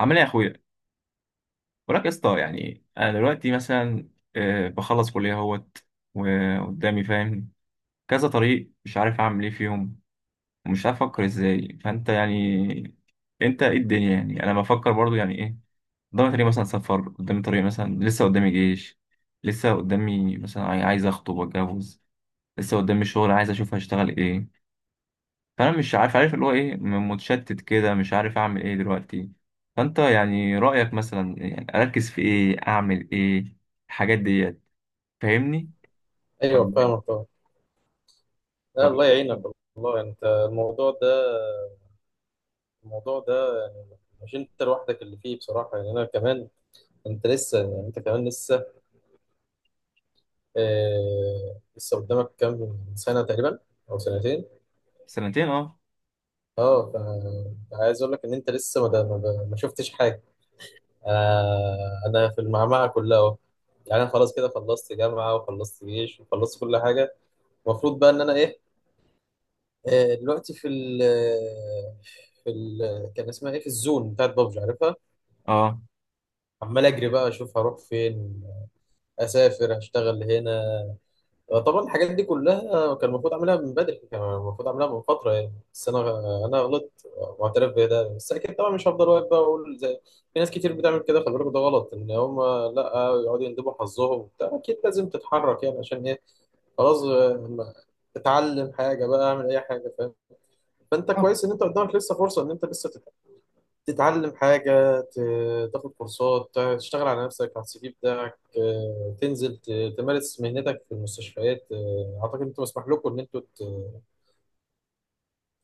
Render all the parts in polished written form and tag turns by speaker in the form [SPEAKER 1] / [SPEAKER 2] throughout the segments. [SPEAKER 1] عامل ايه يا اخويا؟ وراك يا اسطى. يعني انا دلوقتي مثلا بخلص كليه اهوت وقدامي، فاهم، كذا طريق، مش عارف اعمل ايه فيهم ومش عارف افكر ازاي. فانت يعني انت ايه؟ الدنيا يعني انا بفكر برضو يعني ايه. قدامي طريق مثلا سفر، قدامي طريق مثلا لسه قدامي جيش، لسه قدامي مثلا عايز اخطب واتجوز، لسه قدامي شغل عايز اشوف هشتغل ايه. فانا مش عارف، عارف اللي هو ايه، متشتت كده مش عارف اعمل ايه دلوقتي. فانت يعني رايك مثلا يعني اركز في ايه؟ اعمل ايه الحاجات ديت؟ فاهمني
[SPEAKER 2] ايوه،
[SPEAKER 1] ولا
[SPEAKER 2] فاهمك
[SPEAKER 1] إيه؟
[SPEAKER 2] طبعا. لا،
[SPEAKER 1] طب.
[SPEAKER 2] الله يعينك. والله، يعني انت، الموضوع ده يعني مش انت لوحدك اللي فيه بصراحه، يعني انا كمان. انت كمان لسه. لسه قدامك كام سنه تقريبا، او سنتين.
[SPEAKER 1] سنتين، اه.
[SPEAKER 2] اه ف- عايز اقول لك ان انت لسه ما شفتش حاجه. انا في المعمعه كلها اهو. يعني انا خلاص كده خلصت جامعه وخلصت جيش وخلصت كل حاجه. المفروض بقى ان انا ايه؟ دلوقتي في ال في ال كان اسمها ايه، في الزون بتاعت بابجي، عارفها.
[SPEAKER 1] اه.
[SPEAKER 2] عمال اجري بقى اشوف هروح فين، اسافر، اشتغل هنا. طبعا الحاجات دي كلها كان المفروض اعملها من بدري، كان المفروض اعملها من فتره يعني، بس انا غلطت واعترف بده. بس اكيد طبعا مش هفضل واقف بقى واقول زي في ناس كتير بتعمل كده. خلي بالك، ده غلط ان هم لا يقعدوا يندبوا حظهم وبتاع. اكيد لازم تتحرك يعني، عشان ايه؟ خلاص. اتعلم حاجه بقى، اعمل اي حاجه، فاهم؟ فانت
[SPEAKER 1] آه.
[SPEAKER 2] كويس ان انت قدامك لسه فرصه ان انت لسه تتعلم حاجة، تاخد كورسات، تشتغل على نفسك، على السي في بتاعك. تنزل تمارس مهنتك في المستشفيات. أعتقد أنتوا مسموح لكم إن أنتوا ت-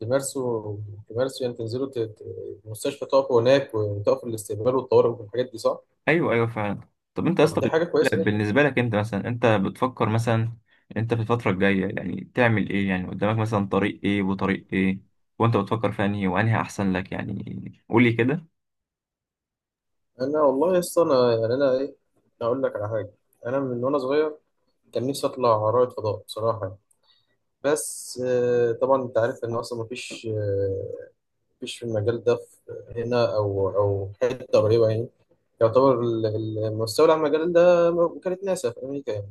[SPEAKER 2] تمارسوا تمارسوا يعني تنزلوا المستشفى، تقفوا هناك، وتقفوا الاستقبال والطوارئ والحاجات دي، صح؟
[SPEAKER 1] ايوه ايوه، فعلا. طب انت
[SPEAKER 2] طب
[SPEAKER 1] اصلا
[SPEAKER 2] دي حاجة كويسة جدا.
[SPEAKER 1] بالنسبه لك انت مثلا، انت بتفكر مثلا انت في الفتره الجايه يعني تعمل ايه؟ يعني قدامك مثلا طريق ايه وطريق ايه؟ وانت بتفكر في انهي وانهي احسن لك؟ يعني قولي كده.
[SPEAKER 2] أنا والله يا اسطى، أنا يعني، أنا إيه أقول لك على حاجة. أنا من وأنا صغير كان نفسي أطلع رائد فضاء، بصراحة. بس طبعا أنت عارف إن أصلا مفيش، في المجال ده في هنا، أو حتة قريبة يعني. يعتبر المستولى على المجال ده كانت ناسا في أمريكا يعني.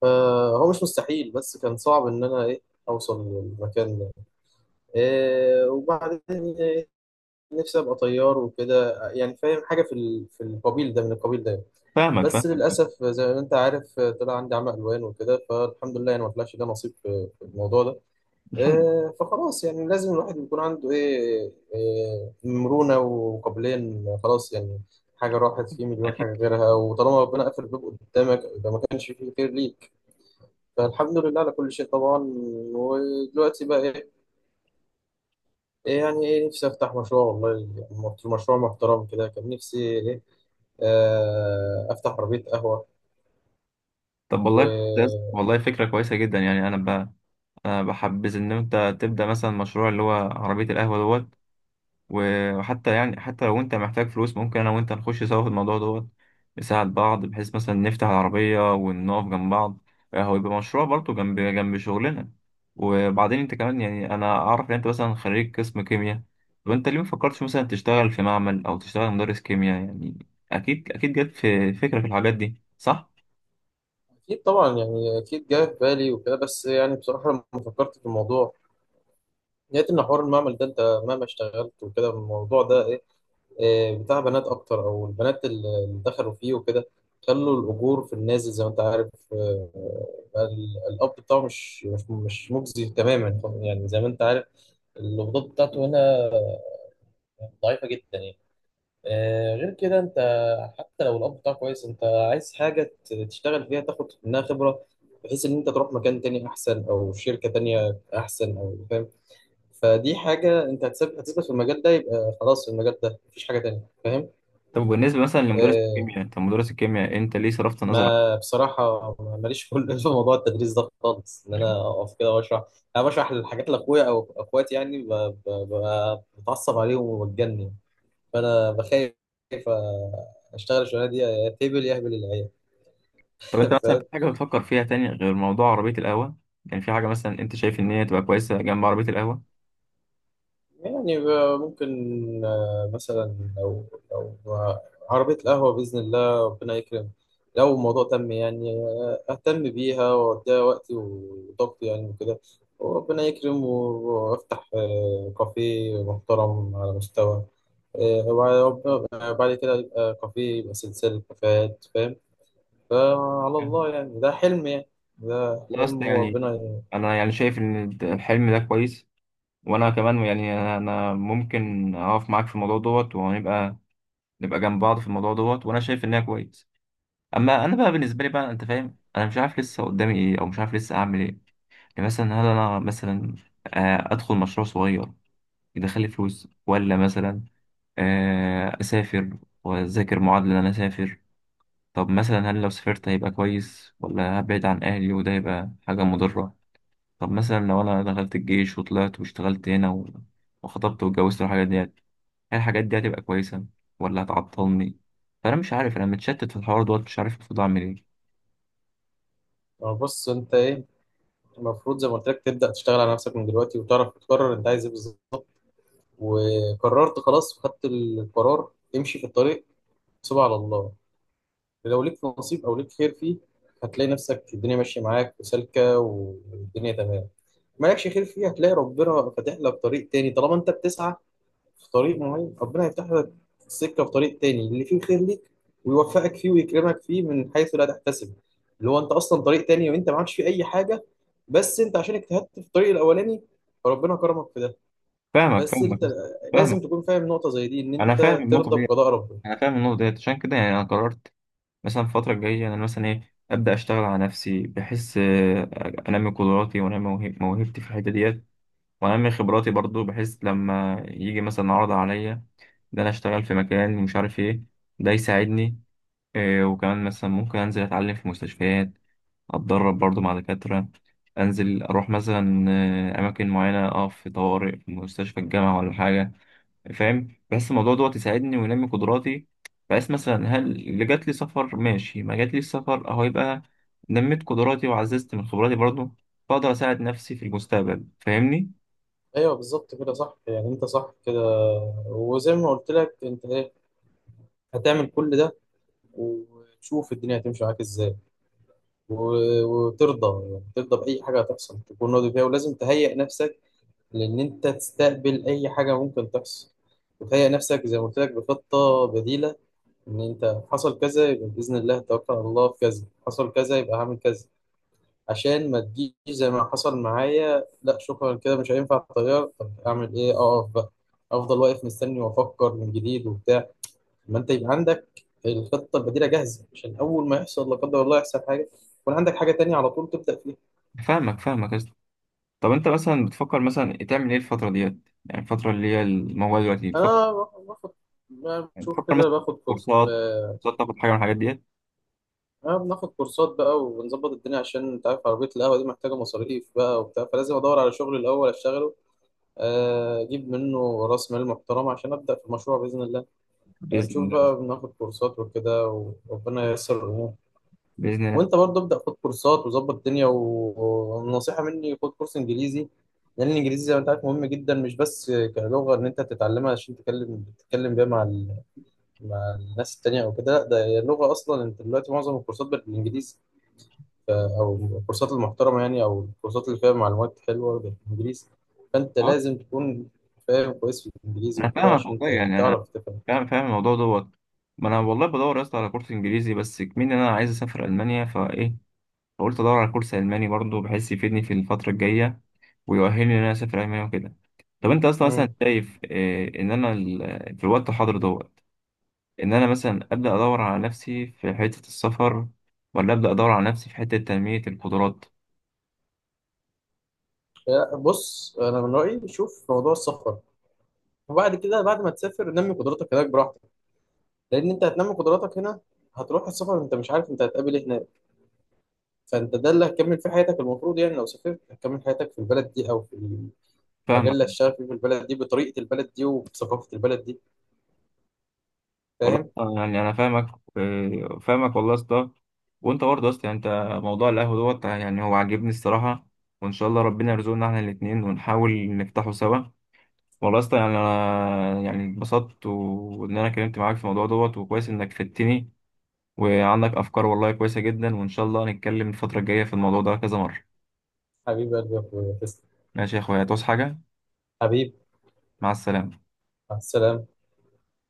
[SPEAKER 2] فهو مش مستحيل، بس كان صعب إن أنا أوصل للمكان ده. إيه وبعدين؟ إيه، نفسي أبقى طيار وكده، يعني فاهم حاجة في ال- في القبيل ده من القبيل ده.
[SPEAKER 1] فاهمك
[SPEAKER 2] بس
[SPEAKER 1] فاهمك.
[SPEAKER 2] للأسف زي ما أنت عارف طلع عندي عمى ألوان وكده، فالحمد لله، يعني ما طلعش ده نصيب في الموضوع ده.
[SPEAKER 1] الحمد
[SPEAKER 2] فخلاص يعني لازم الواحد يكون عنده ايه آه، مرونة وقابلية، إن خلاص يعني حاجة راحت في مليون
[SPEAKER 1] لله.
[SPEAKER 2] حاجة غيرها. وطالما ربنا قفل الباب قدامك يبقى ما كانش فيه خير ليك. فالحمد لله على كل شيء طبعا. ودلوقتي بقى ايه؟ يعني نفسي افتح مشروع، والله، مشروع محترم كده. كان نفسي ايه آه، افتح عربية قهوة
[SPEAKER 1] طب والله،
[SPEAKER 2] و...
[SPEAKER 1] والله فكرة كويسة جدا. يعني أنا أنا بحبذ إن أنت تبدأ مثلا مشروع اللي هو عربية القهوة دوت. وحتى يعني حتى لو أنت محتاج فلوس ممكن أنا وأنت نخش سوا في الموضوع دوت، نساعد بعض بحيث مثلا نفتح العربية ونقف جنب بعض. هو يبقى مشروع برضه جنب جنب شغلنا. وبعدين أنت كمان يعني أنا أعرف إن أنت مثلا خريج قسم كيمياء. طب أنت ليه مفكرتش مثلا تشتغل في معمل أو تشتغل مدرس كيمياء؟ يعني أكيد أكيد جت في فكرة في الحاجات دي، صح؟
[SPEAKER 2] أكيد طبعا، يعني أكيد جاي في بالي وكده. بس يعني بصراحة لما فكرت في الموضوع، لقيت ان حوار المعمل ده انت مهما اشتغلت وكده، الموضوع ده ايه إيه بتاع بنات اكتر، او البنات اللي دخلوا فيه وكده خلوا الاجور في النازل، زي ما انت عارف. الاب بتاعه مش مجزي تماما يعني، زي ما انت عارف. القبضات بتاعته هنا ضعيفه جدا يعني. غير كده انت، حتى لو الاب بتاعك كويس، انت عايز حاجه تشتغل فيها، تاخد منها خبره، بحيث ان انت تروح مكان تاني احسن او شركه تانيه احسن، او فاهم. فدي حاجة أنت هتثبت في المجال ده، يبقى خلاص المجال ده مفيش حاجة تانية، فاهم؟
[SPEAKER 1] طب بالنسبة مثلا لمدرس
[SPEAKER 2] آه.
[SPEAKER 1] الكيمياء، انت مدرس الكيمياء انت ليه صرفت نظر
[SPEAKER 2] ما بصراحة، ماليش كل في موضوع التدريس ده خالص، إن
[SPEAKER 1] عنه؟
[SPEAKER 2] أنا أقف كده وأشرح. أنا بشرح الحاجات لأخويا أو أخواتي يعني، بتعصب عليهم وبتجنن. فأنا بخاف، آه، أشتغل الشغلانة دي يا تهبل يا أهبل العيال.
[SPEAKER 1] طب انت مثلا في حاجة بتفكر فيها تاني غير موضوع عربية القهوة؟ يعني في حاجة مثلا انت شايف ان هي تبقى كويسة جنب عربية القهوة؟
[SPEAKER 2] يعني، ممكن مثلا لو، لو عربية القهوة بإذن الله ربنا يكرم، لو الموضوع تم يعني، أهتم بيها وأديها وقتي وطاقتي يعني وكده، وربنا يكرم، وأفتح كافيه محترم على مستوى، آه، وبعد آه، بعد كده يبقى كافيه، يبقى سلسلة كافيهات، فاهم؟ فعلى الله يعني، ده حلم يعني. ده
[SPEAKER 1] لا اصل
[SPEAKER 2] حلم،
[SPEAKER 1] يعني
[SPEAKER 2] وربنا يعني.
[SPEAKER 1] انا يعني شايف ان الحلم ده كويس، وانا كمان يعني انا ممكن اقف معاك في الموضوع دوت ونبقى، نبقى جنب بعض في الموضوع دوت، وانا شايف انها كويس. اما انا بقى بالنسبة لي بقى، انت فاهم انا مش عارف لسه قدامي ايه او مش عارف لسه اعمل ايه. يعني مثلا هل انا مثلا ادخل مشروع صغير يدخل لي فلوس، ولا مثلا اسافر واذاكر؟ معادله ان انا اسافر، طب مثلا هل لو سافرت هيبقى كويس، ولا هبعد عن اهلي وده يبقى حاجه مضره؟ طب مثلا لو انا دخلت الجيش وطلعت واشتغلت هنا وخطبت واتجوزت والحاجات ديت، هل الحاجات دي هتبقى كويسه ولا هتعطلني؟ فانا مش عارف، انا متشتت في الحوار دوت مش عارف المفروض اعمل ايه.
[SPEAKER 2] بص، أنت المفروض، زي ما قلت لك، تبدأ تشتغل على نفسك من دلوقتي، وتعرف تقرر انت عايز ايه بالظبط. وقررت خلاص وخدت القرار، امشي في الطريق، سيبها على الله. لو ليك نصيب او ليك خير فيه، هتلاقي نفسك الدنيا ماشية معاك وسالكة، والدنيا تمام. مالكش خير فيه، هتلاقي ربنا فاتح لك طريق تاني. طالما انت بتسعى في طريق معين، ربنا يفتح لك السكة في طريق تاني اللي فيه خير ليك، ويوفقك فيه ويكرمك فيه من حيث لا تحتسب. اللي هو انت اصلا طريق تاني، وانت ما عادش فيه اي حاجة، بس انت عشان اجتهدت في الطريق الاولاني، فربنا كرمك في ده.
[SPEAKER 1] فاهمك
[SPEAKER 2] بس
[SPEAKER 1] فاهمك
[SPEAKER 2] انت لازم
[SPEAKER 1] فاهمك.
[SPEAKER 2] تكون فاهم نقطة زي دي، ان
[SPEAKER 1] انا فاهم
[SPEAKER 2] انت
[SPEAKER 1] النقطه
[SPEAKER 2] ترضى
[SPEAKER 1] دي،
[SPEAKER 2] بقضاء ربنا.
[SPEAKER 1] انا فاهم النقطه ديت. عشان كده يعني انا قررت مثلا الفترة الجاية أنا مثلا إيه، أبدأ أشتغل على نفسي بحيث أنمي قدراتي وأنمي موهبتي في الحتة ديت، وأنمي خبراتي برضو، بحيث لما يجي مثلا عرض عليا إن أنا أشتغل في مكان ومش عارف إيه، ده يساعدني. وكمان مثلا ممكن أنزل أتعلم في مستشفيات، أتدرب برضو مع دكاترة، أنزل أروح مثلا أماكن معينة، أقف في طوارئ في مستشفى الجامعة ولا حاجة. فاهم، بحس الموضوع دوت يساعدني وينمي قدراتي. بحس مثلا هل اللي جات لي سفر، ماشي، ما جات لي سفر، اهو يبقى نميت قدراتي وعززت من خبراتي برضه، فاقدر اساعد نفسي في المستقبل. فاهمني؟
[SPEAKER 2] ايوه، بالظبط كده، صح. يعني انت صح كده. وزي ما قلت لك انت هتعمل كل ده، وتشوف الدنيا هتمشي معاك ازاي. وترضى يعني، ترضى باي حاجه هتحصل، تكون راضي فيها. ولازم تهيئ نفسك لأن أنت تستقبل أي حاجة ممكن تحصل، وتهيأ نفسك زي ما قلت لك بخطة بديلة. إن أنت حصل كذا يبقى بإذن الله توكل على الله، في كذا حصل كذا يبقى هعمل كذا. عشان ما تجيش زي ما حصل معايا، لا شكرا كده مش هينفع الطيار، طب أعمل إيه؟ أقف بقى، أفضل واقف مستني وأفكر من جديد وبتاع. ما أنت يبقى عندك الخطة البديلة جاهزة، عشان أول ما يحصل لا قدر الله يحصل حاجة، يكون عندك حاجة تانية على طول تبدأ فيها.
[SPEAKER 1] فاهمك فاهمك يا اسطى. طب انت مثلا بتفكر مثلا تعمل ايه الفتره ديت؟ يعني الفتره اللي هي الموبايل دلوقتي بتفكر،
[SPEAKER 2] أنا باخد أنا
[SPEAKER 1] يعني
[SPEAKER 2] بشوف
[SPEAKER 1] بتفكر
[SPEAKER 2] كده
[SPEAKER 1] مثلا
[SPEAKER 2] باخد.
[SPEAKER 1] في كورسات؟ كورسات تاخد حاجه من الحاجات ديت؟
[SPEAKER 2] أنا بناخد كورسات بقى وبنظبط الدنيا، عشان أنت عارف عربية القهوة دي محتاجة مصاريف بقى وبتاع، فلازم أدور على شغل الأول أشتغله، أجيب منه رأس مال محترم عشان أبدأ في المشروع بإذن الله.
[SPEAKER 1] باذن
[SPEAKER 2] نشوف
[SPEAKER 1] الله.
[SPEAKER 2] بقى، بناخد كورسات وكده، وربنا ييسر الأمور.
[SPEAKER 1] باذن الله.
[SPEAKER 2] وأنت برضه ابدأ خد كورسات وظبط الدنيا، والنصيحة مني خد كورس إنجليزي. لأن الإنجليزي زي ما أنت عارف مهم جدا، مش بس كلغة إن أنت تتعلمها عشان تتكلم بيها مع مع الناس التانية أو كده، لا ده هي اللغة أصلا، أنت دلوقتي معظم الكورسات بالإنجليزي، او الكورسات المحترمه يعني، او الكورسات اللي فيها معلومات حلوه بالانجليزي، فانت
[SPEAKER 1] اه،
[SPEAKER 2] لازم تكون فاهم كويس في الانجليزي
[SPEAKER 1] انا
[SPEAKER 2] وكده،
[SPEAKER 1] فاهمك
[SPEAKER 2] عشان
[SPEAKER 1] والله. يعني انا
[SPEAKER 2] تعرف تفهم.
[SPEAKER 1] فاهم، فاهم الموضوع دوت. ما انا والله بدور يا اسطى على كورس انجليزي، بس كمان انا عايز اسافر المانيا فايه، فقلت ادور على كورس الماني برضه بحيث يفيدني في الفتره الجايه ويؤهلني ان انا اسافر المانيا وكده. طب انت اصلا مثلا
[SPEAKER 2] مم.
[SPEAKER 1] شايف إيه؟ ان انا في الوقت الحاضر دوت، ان انا مثلا ابدا ادور على نفسي في حته السفر، ولا ابدا ادور على نفسي في حته تنميه القدرات؟
[SPEAKER 2] لا، بص انا من رايي شوف موضوع السفر، وبعد كده بعد ما تسافر نمي قدراتك هناك براحتك. لان انت هتنمي قدراتك هنا، هتروح السفر، انت مش عارف انت هتقابل ايه هناك. فانت ده اللي هتكمل فيه حياتك، المفروض يعني، لو سافرت هتكمل حياتك في البلد دي، او في المجال
[SPEAKER 1] فاهمك
[SPEAKER 2] اللي هتشتغل فيه في البلد دي، بطريقه البلد دي وبثقافه البلد دي،
[SPEAKER 1] والله.
[SPEAKER 2] فاهم؟
[SPEAKER 1] يعني انا فاهمك. فاهمك والله يا اسطى. وانت برضه يا اسطى يعني انت موضوع القهوه دوت يعني هو عاجبني الصراحه، وان شاء الله ربنا يرزقنا احنا الاثنين ونحاول نفتحه سوا. والله يا اسطى يعني انا يعني اتبسطت وان انا اتكلمت معاك في الموضوع دوت، وكويس انك فدتني وعندك افكار والله كويسه جدا، وان شاء الله هنتكلم الفتره الجايه في الموضوع ده كذا مره.
[SPEAKER 2] حبيبي قلبي يا اخويا، تسلم.
[SPEAKER 1] ماشي يا اخويا، هتعوز حاجه؟
[SPEAKER 2] حبيبي.
[SPEAKER 1] مع السلامه.
[SPEAKER 2] مع السلامة.